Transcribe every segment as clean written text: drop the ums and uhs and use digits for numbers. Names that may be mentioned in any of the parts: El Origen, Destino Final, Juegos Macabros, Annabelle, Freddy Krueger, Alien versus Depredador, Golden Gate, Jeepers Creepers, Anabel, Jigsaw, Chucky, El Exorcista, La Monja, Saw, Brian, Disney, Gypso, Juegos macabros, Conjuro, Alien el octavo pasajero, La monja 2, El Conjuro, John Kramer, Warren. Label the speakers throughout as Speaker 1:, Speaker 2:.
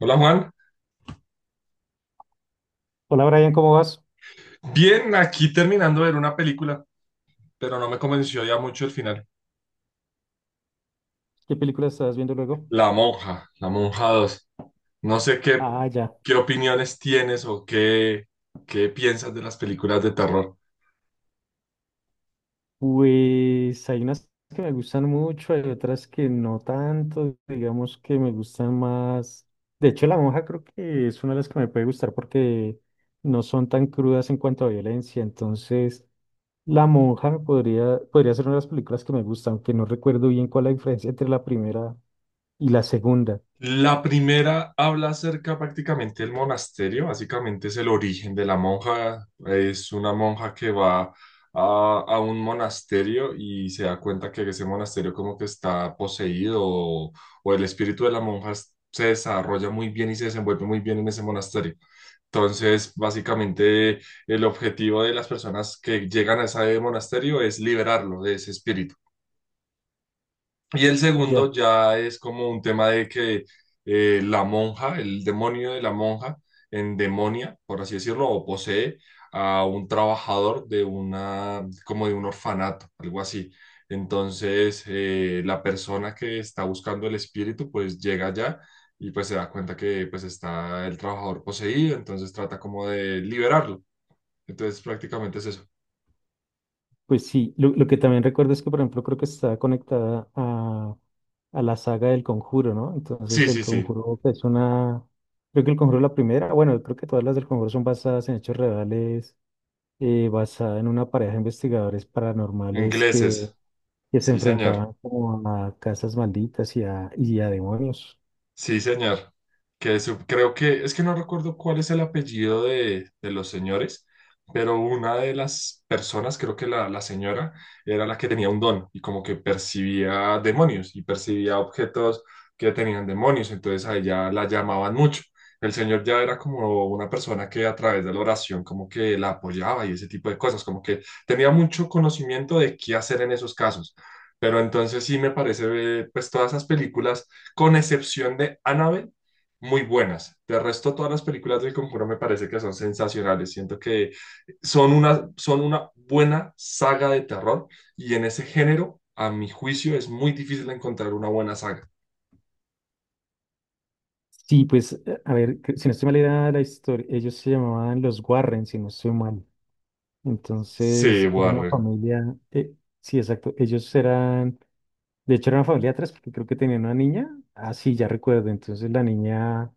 Speaker 1: Hola Juan.
Speaker 2: Hola Brian, ¿cómo vas?
Speaker 1: Bien, aquí terminando de ver una película, pero no me convenció ya mucho el final.
Speaker 2: ¿Qué película estás viendo luego?
Speaker 1: La monja 2. No sé qué,
Speaker 2: Ah, ya.
Speaker 1: qué opiniones tienes o qué piensas de las películas de terror.
Speaker 2: Pues hay unas que me gustan mucho, hay otras que no tanto, digamos que me gustan más. De hecho, La Monja creo que es una de las que me puede gustar porque no son tan crudas en cuanto a violencia. Entonces, La Monja me podría ser una de las películas que me gustan, aunque no recuerdo bien cuál es la diferencia entre la primera y la segunda.
Speaker 1: La primera habla acerca prácticamente del monasterio, básicamente es el origen de la monja, es una monja que va a un monasterio y se da cuenta que ese monasterio como que está poseído o el espíritu de la monja se desarrolla muy bien y se desenvuelve muy bien en ese monasterio. Entonces, básicamente el objetivo de las personas que llegan a ese monasterio es liberarlo de ese espíritu. Y el segundo
Speaker 2: Ya.
Speaker 1: ya es como un tema de que la monja, el demonio de la monja, endemonia, por así decirlo, o posee a un trabajador como de un orfanato, algo así. Entonces, la persona que está buscando el espíritu, pues llega allá y pues se da cuenta que pues está el trabajador poseído, entonces trata como de liberarlo. Entonces, prácticamente es eso.
Speaker 2: Pues sí, lo que también recuerdo es que, por ejemplo, creo que está conectada a la saga del Conjuro, ¿no?
Speaker 1: Sí,
Speaker 2: Entonces, el
Speaker 1: sí, sí.
Speaker 2: Conjuro pues, es una. Creo que el Conjuro es la primera, bueno, creo que todas las del Conjuro son basadas en hechos reales, basada en una pareja de investigadores paranormales que,
Speaker 1: Ingleses.
Speaker 2: que se
Speaker 1: Sí, señor.
Speaker 2: enfrentaban como a casas malditas y a demonios.
Speaker 1: Sí, señor. Que creo que, es que no recuerdo cuál es el apellido de los señores, pero una de las personas, creo que la señora, era la que tenía un don y como que percibía demonios y percibía objetos que tenían demonios, entonces a ella la llamaban mucho. El señor ya era como una persona que a través de la oración como que la apoyaba y ese tipo de cosas, como que tenía mucho conocimiento de qué hacer en esos casos. Pero entonces sí me parece, pues todas esas películas con excepción de Annabelle, muy buenas. De resto, todas las películas del Conjuro me parece que son sensacionales. Siento que son una buena saga de terror y en ese género, a mi juicio, es muy difícil encontrar una buena saga.
Speaker 2: Sí, pues, a ver, si no estoy mal, era la historia. Ellos se llamaban los Warren, si no estoy mal.
Speaker 1: Sí,
Speaker 2: Entonces era una
Speaker 1: Warren.
Speaker 2: familia, sí, exacto, ellos eran, de hecho era una familia de tres, porque creo que tenían una niña. Ah, sí, ya recuerdo. Entonces la niña,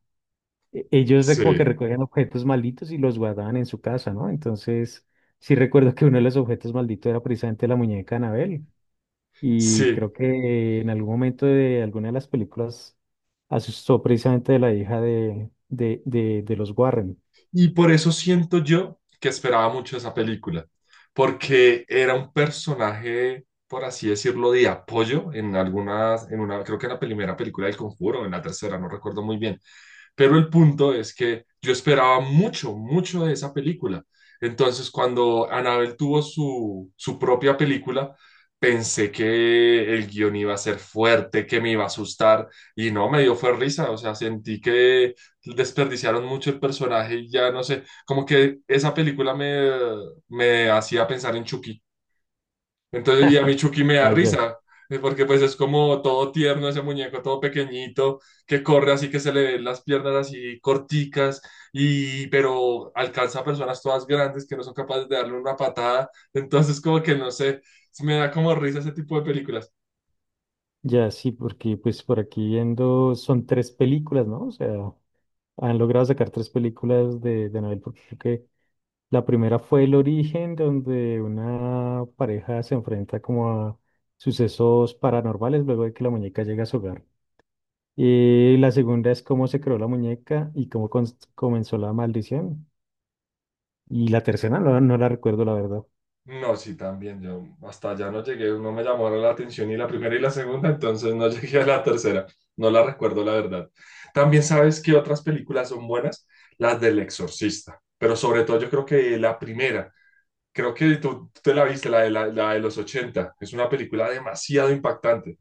Speaker 2: como que
Speaker 1: Sí,
Speaker 2: recogían objetos malditos y los guardaban en su casa, ¿no? Entonces sí recuerdo que uno de los objetos malditos era precisamente la muñeca Anabel, y
Speaker 1: sí.
Speaker 2: creo que en algún momento de alguna de las películas asustó precisamente de la hija de los Warren.
Speaker 1: Y por eso siento yo que esperaba mucho esa película, porque era un personaje, por así decirlo, de apoyo en algunas, en una, creo que en la primera película del Conjuro, en la tercera, no recuerdo muy bien. Pero el punto es que yo esperaba mucho, mucho de esa película. Entonces, cuando Annabelle tuvo su propia película, pensé que el guión iba a ser fuerte, que me iba a asustar, y no, me dio fue risa, o sea, sentí que desperdiciaron mucho el personaje y ya no sé, como que esa película me hacía pensar en Chucky. Entonces, y a mí Chucky me da
Speaker 2: Ah, ya.
Speaker 1: risa, porque pues es como todo tierno ese muñeco, todo pequeñito, que corre así que se le ven las piernas así corticas, y pero alcanza a personas todas grandes que no son capaces de darle una patada. Entonces, como que no sé, me da como risa ese tipo de películas.
Speaker 2: Ya, sí, porque pues por aquí viendo son tres películas, ¿no? O sea, han logrado sacar tres películas de Anabel, porque creo que la primera fue El Origen, donde una pareja se enfrenta como a sucesos paranormales luego de que la muñeca llega a su hogar. Y la segunda es cómo se creó la muñeca y cómo comenzó la maldición. Y la tercera no, no la recuerdo, la verdad.
Speaker 1: No, sí, también. Yo hasta allá no llegué, no me llamaron la atención ni la primera y la segunda, entonces no llegué a la tercera. No la recuerdo, la verdad. También sabes que otras películas son buenas, las del Exorcista, pero sobre todo yo creo que la primera, creo que tú te la viste, la de los ochenta, es una película demasiado impactante.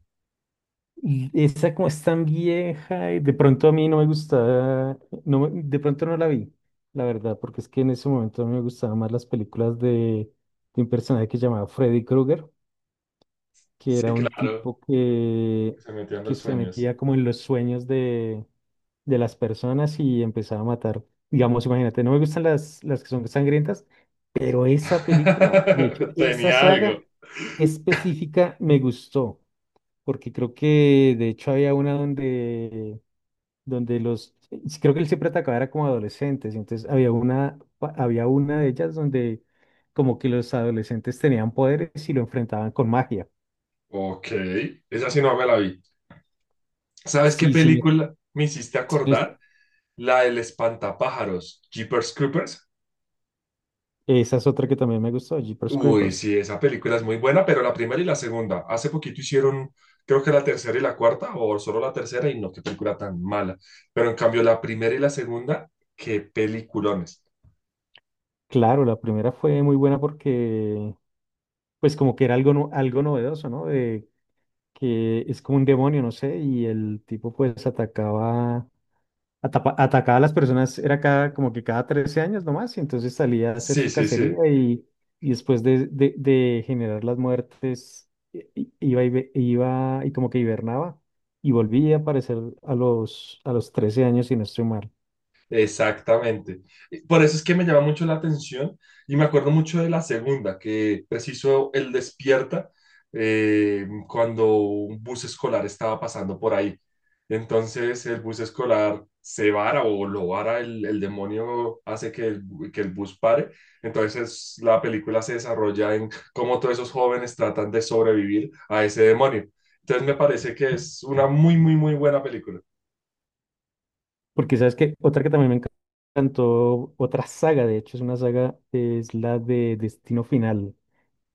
Speaker 2: Y esa como es tan vieja, y de pronto a mí no me gustaba. No, de pronto no la vi, la verdad, porque es que en ese momento a mí me gustaban más las películas de un personaje que se llamaba Freddy Krueger, que
Speaker 1: Sí,
Speaker 2: era un
Speaker 1: claro,
Speaker 2: tipo que,
Speaker 1: que se metían
Speaker 2: que
Speaker 1: los
Speaker 2: se
Speaker 1: sueños.
Speaker 2: metía como en los sueños de las personas y empezaba a matar. Digamos, imagínate, no me gustan las que son sangrientas, pero esa película, de hecho, esa
Speaker 1: Tenía
Speaker 2: saga
Speaker 1: algo.
Speaker 2: específica me gustó porque creo que de hecho había una donde sí, creo que él siempre atacaba era como adolescentes, y entonces había una de ellas donde como que los adolescentes tenían poderes y lo enfrentaban con magia.
Speaker 1: Ok, esa sí no me la vi. ¿Sabes qué
Speaker 2: Sí, sí,
Speaker 1: película me hiciste
Speaker 2: sí
Speaker 1: acordar? La del espantapájaros, Jeepers Creepers.
Speaker 2: esa es otra que también me gustó, Jeepers
Speaker 1: Uy,
Speaker 2: Creepers.
Speaker 1: sí, esa película es muy buena, pero la primera y la segunda. Hace poquito hicieron, creo que la tercera y la cuarta, o solo la tercera, y no, qué película tan mala. Pero en cambio, la primera y la segunda, qué peliculones.
Speaker 2: Claro, la primera fue muy buena porque pues como que era algo novedoso, ¿no? De que es como un demonio, no sé, y el tipo pues atacaba a las personas, era cada, como que cada 13 años nomás, y entonces salía a hacer
Speaker 1: Sí,
Speaker 2: su
Speaker 1: sí,
Speaker 2: cacería
Speaker 1: sí.
Speaker 2: y después de generar las muertes, iba y como que hibernaba y volvía a aparecer a los 13 años, si no estoy mal.
Speaker 1: Exactamente. Por eso es que me llama mucho la atención y me acuerdo mucho de la segunda, que preciso el despierta cuando un bus escolar estaba pasando por ahí. Entonces el bus escolar se vara o lo vara, el demonio hace que el bus pare. Entonces la película se desarrolla en cómo todos esos jóvenes tratan de sobrevivir a ese demonio. Entonces me parece que es una muy, muy, muy buena película.
Speaker 2: Porque sabes que otra que también me encantó, otra saga, de hecho, es una saga, es la de Destino Final,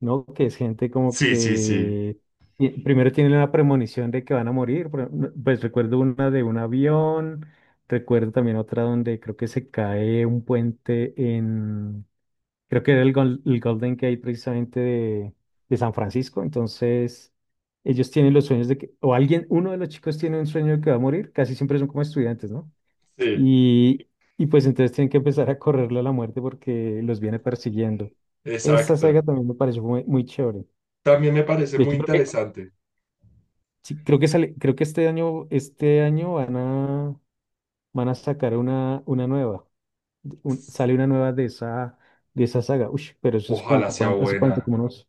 Speaker 2: ¿no? Que es gente como
Speaker 1: Sí, sí, sí.
Speaker 2: que primero tienen la premonición de que van a morir. Por ejemplo, pues recuerdo una de un avión, recuerdo también otra donde creo que se cae un puente en, creo que era el Golden Gate, precisamente de San Francisco. Entonces, ellos tienen los sueños de que, o alguien, uno de los chicos tiene un sueño de que va a morir, casi siempre son como estudiantes, ¿no?
Speaker 1: Sí,
Speaker 2: Y, y pues entonces tienen que empezar a correrle a la muerte porque los viene persiguiendo. Esa saga
Speaker 1: exacto.
Speaker 2: también me pareció muy, muy chévere.
Speaker 1: También me parece
Speaker 2: De
Speaker 1: muy
Speaker 2: hecho, creo que,
Speaker 1: interesante.
Speaker 2: sí, creo que sale, creo que este año van a sacar una nueva. Sale una nueva de esa saga. Uy, pero eso es como
Speaker 1: Ojalá sea
Speaker 2: cuánto, hace cuánto,
Speaker 1: buena.
Speaker 2: como unos,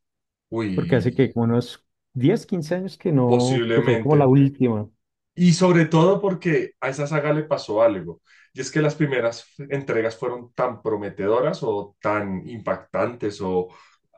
Speaker 2: porque hace
Speaker 1: Uy,
Speaker 2: que como unos 10 15 años que no, que fue como la
Speaker 1: posiblemente.
Speaker 2: última.
Speaker 1: Y sobre todo porque a esa saga le pasó algo. Y es que las primeras entregas fueron tan prometedoras o tan impactantes o,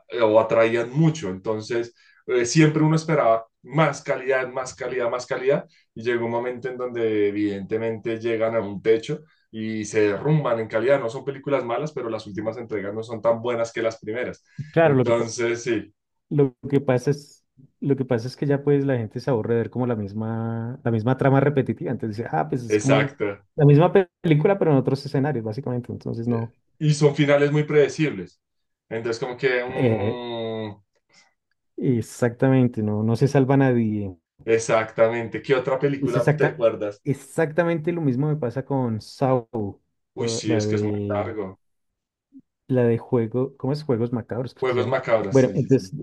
Speaker 1: eh, o atraían mucho. Entonces, siempre uno esperaba más calidad, más calidad, más calidad, y llegó un momento en donde evidentemente llegan a un techo y se derrumban en calidad. No son películas malas, pero las últimas entregas no son tan buenas que las primeras.
Speaker 2: Claro,
Speaker 1: Entonces, sí,
Speaker 2: Lo que pasa es, lo que pasa es que ya pues la gente se aburre de ver como la misma trama repetitiva. Entonces dice, ah, pues es como
Speaker 1: exacto.
Speaker 2: la misma película, pero en otros escenarios, básicamente. Entonces no,
Speaker 1: Y son finales muy predecibles. Entonces, como que...
Speaker 2: eh,
Speaker 1: mm,
Speaker 2: exactamente, no, no se salva nadie.
Speaker 1: exactamente. ¿Qué otra
Speaker 2: Es
Speaker 1: película te
Speaker 2: exacta,
Speaker 1: acuerdas?
Speaker 2: exactamente lo mismo me pasa con Saw,
Speaker 1: Uy,
Speaker 2: la
Speaker 1: sí,
Speaker 2: la
Speaker 1: es que es muy
Speaker 2: de,
Speaker 1: largo.
Speaker 2: la de juego, ¿cómo es? Juegos Macabros, creo que se
Speaker 1: Juegos
Speaker 2: llama.
Speaker 1: macabros,
Speaker 2: Bueno,
Speaker 1: sí, sí,
Speaker 2: entonces
Speaker 1: sí.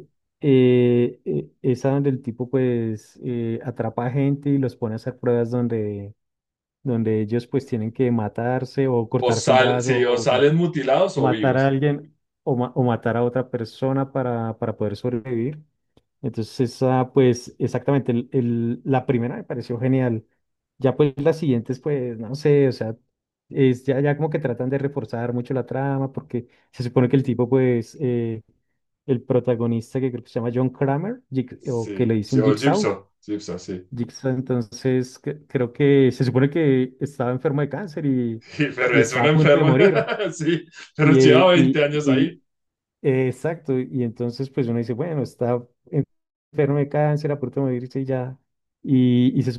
Speaker 2: esa donde el tipo pues atrapa a gente y los pone a hacer pruebas donde donde ellos pues tienen que matarse o
Speaker 1: O,
Speaker 2: cortarse un
Speaker 1: sí,
Speaker 2: brazo
Speaker 1: o
Speaker 2: o
Speaker 1: salen mutilados o
Speaker 2: matar a
Speaker 1: vivos.
Speaker 2: alguien o matar a otra persona para poder sobrevivir. Entonces esa pues exactamente la primera me pareció genial. Ya pues las siguientes pues no sé, o sea, es ya, ya como que tratan de reforzar mucho la trama porque se supone que el tipo pues el protagonista que creo que se llama John Kramer o
Speaker 1: Sí,
Speaker 2: que le
Speaker 1: sí,
Speaker 2: dicen
Speaker 1: o
Speaker 2: Jigsaw.
Speaker 1: Gypso, Gypso, sí.
Speaker 2: Entonces creo que se supone que estaba enfermo de cáncer y,
Speaker 1: Pero
Speaker 2: y
Speaker 1: es un
Speaker 2: estaba a punto de
Speaker 1: enfermo,
Speaker 2: morir.
Speaker 1: sí, pero
Speaker 2: Y,
Speaker 1: lleva
Speaker 2: eh,
Speaker 1: 20
Speaker 2: y,
Speaker 1: años
Speaker 2: y,
Speaker 1: ahí.
Speaker 2: exacto, y entonces pues uno dice, bueno, está enfermo de cáncer, a punto de morirse y ya. Y se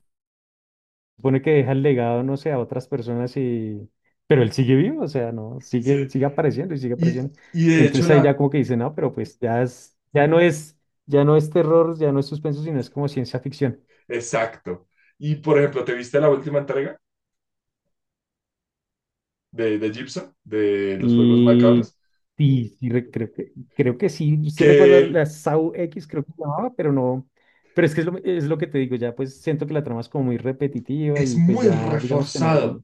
Speaker 2: supone que deja el legado, no sé, a otras personas y... Pero él sigue vivo, o sea, no,
Speaker 1: Sí.
Speaker 2: sigue apareciendo y sigue
Speaker 1: Y,
Speaker 2: apareciendo.
Speaker 1: y de hecho,
Speaker 2: Entonces ahí ya
Speaker 1: la.
Speaker 2: como que dice, no, pero pues ya no es ya no es terror, ya no es suspenso, sino es como ciencia ficción.
Speaker 1: Exacto. Y por ejemplo, ¿te viste la última entrega de Gypso, de los Juegos
Speaker 2: Y
Speaker 1: Macabros?
Speaker 2: sí, sí, creo que sí, sí
Speaker 1: Que
Speaker 2: recuerdo
Speaker 1: él
Speaker 2: la SAU X, creo que se llamaba, pero no. Pero es que es lo que te digo, ya pues siento que la trama es como muy repetitiva
Speaker 1: es
Speaker 2: y pues
Speaker 1: muy
Speaker 2: ya digamos que no
Speaker 1: reforzado,
Speaker 2: hay,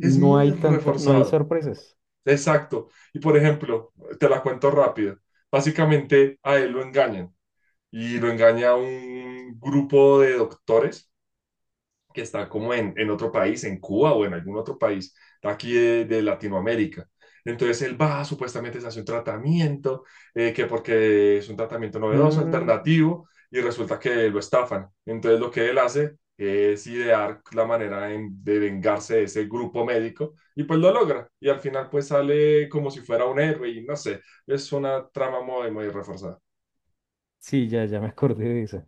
Speaker 1: es muy
Speaker 2: hay tanta, no hay
Speaker 1: reforzado.
Speaker 2: sorpresas.
Speaker 1: Exacto. Y por ejemplo, te la cuento rápido. Básicamente a él lo engañan y lo engaña un grupo de doctores que está como en otro país, en Cuba o en algún otro país de aquí de Latinoamérica. Entonces él va, supuestamente se hace un tratamiento, que porque es un tratamiento novedoso,
Speaker 2: Mm,
Speaker 1: alternativo, y resulta que lo estafan. Entonces lo que él hace es idear la manera de vengarse de ese grupo médico y pues lo logra. Y al final pues sale como si fuera un héroe y no sé, es una trama muy, muy reforzada.
Speaker 2: sí, ya, ya me acordé de esa.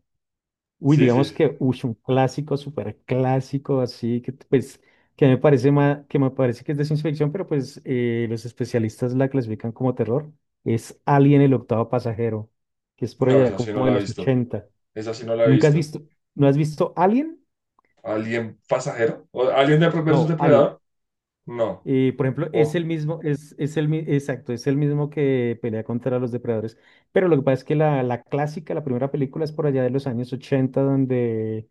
Speaker 2: Uy,
Speaker 1: Sí, sí.
Speaker 2: digamos que uy, un clásico, súper clásico, así que pues que me parece que es de ciencia ficción, pero pues los especialistas la clasifican como terror. Es Alien el octavo pasajero, que es por
Speaker 1: No,
Speaker 2: allá
Speaker 1: esa sí no
Speaker 2: como de
Speaker 1: la he
Speaker 2: los
Speaker 1: visto.
Speaker 2: ochenta.
Speaker 1: Esa sí no la he
Speaker 2: ¿Nunca has
Speaker 1: visto.
Speaker 2: visto, no has visto Alien?
Speaker 1: ¿Alien pasajero? ¿O Alien de versus
Speaker 2: No, Alien.
Speaker 1: Depredador? No.
Speaker 2: Por ejemplo, es el
Speaker 1: Oh,
Speaker 2: mismo, exacto, es el mismo que pelea contra los depredadores. Pero lo que pasa es que la clásica, la primera película es por allá de los años 80 donde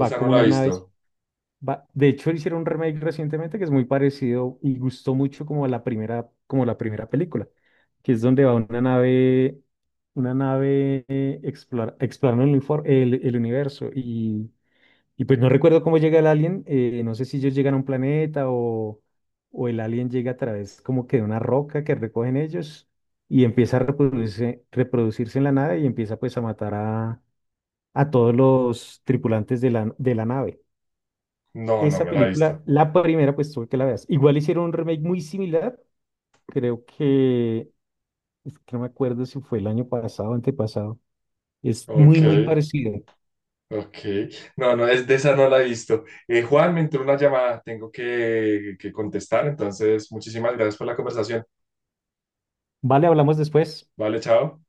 Speaker 2: va
Speaker 1: no
Speaker 2: como
Speaker 1: la he
Speaker 2: una nave.
Speaker 1: visto.
Speaker 2: De hecho, hicieron un remake recientemente que es muy parecido y gustó mucho como la primera película, que es donde va una nave explorando el universo. Y pues no recuerdo cómo llega el alien, no sé si ellos llegan a un planeta, o el alien llega a través como que de una roca que recogen ellos y empieza a reproducirse en la nave y empieza pues a matar a todos los tripulantes de la nave.
Speaker 1: No, no
Speaker 2: Esa
Speaker 1: me la he visto.
Speaker 2: película, la primera, pues tuve que la veas. Igual hicieron un remake muy similar, creo que, es que no me acuerdo si fue el año pasado o antepasado. Es
Speaker 1: Ok,
Speaker 2: muy, muy parecido.
Speaker 1: ok. No, no, es de esa no la he visto. Juan, me entró una llamada. Tengo que contestar. Entonces, muchísimas gracias por la conversación.
Speaker 2: Vale, hablamos después.
Speaker 1: Vale, chao.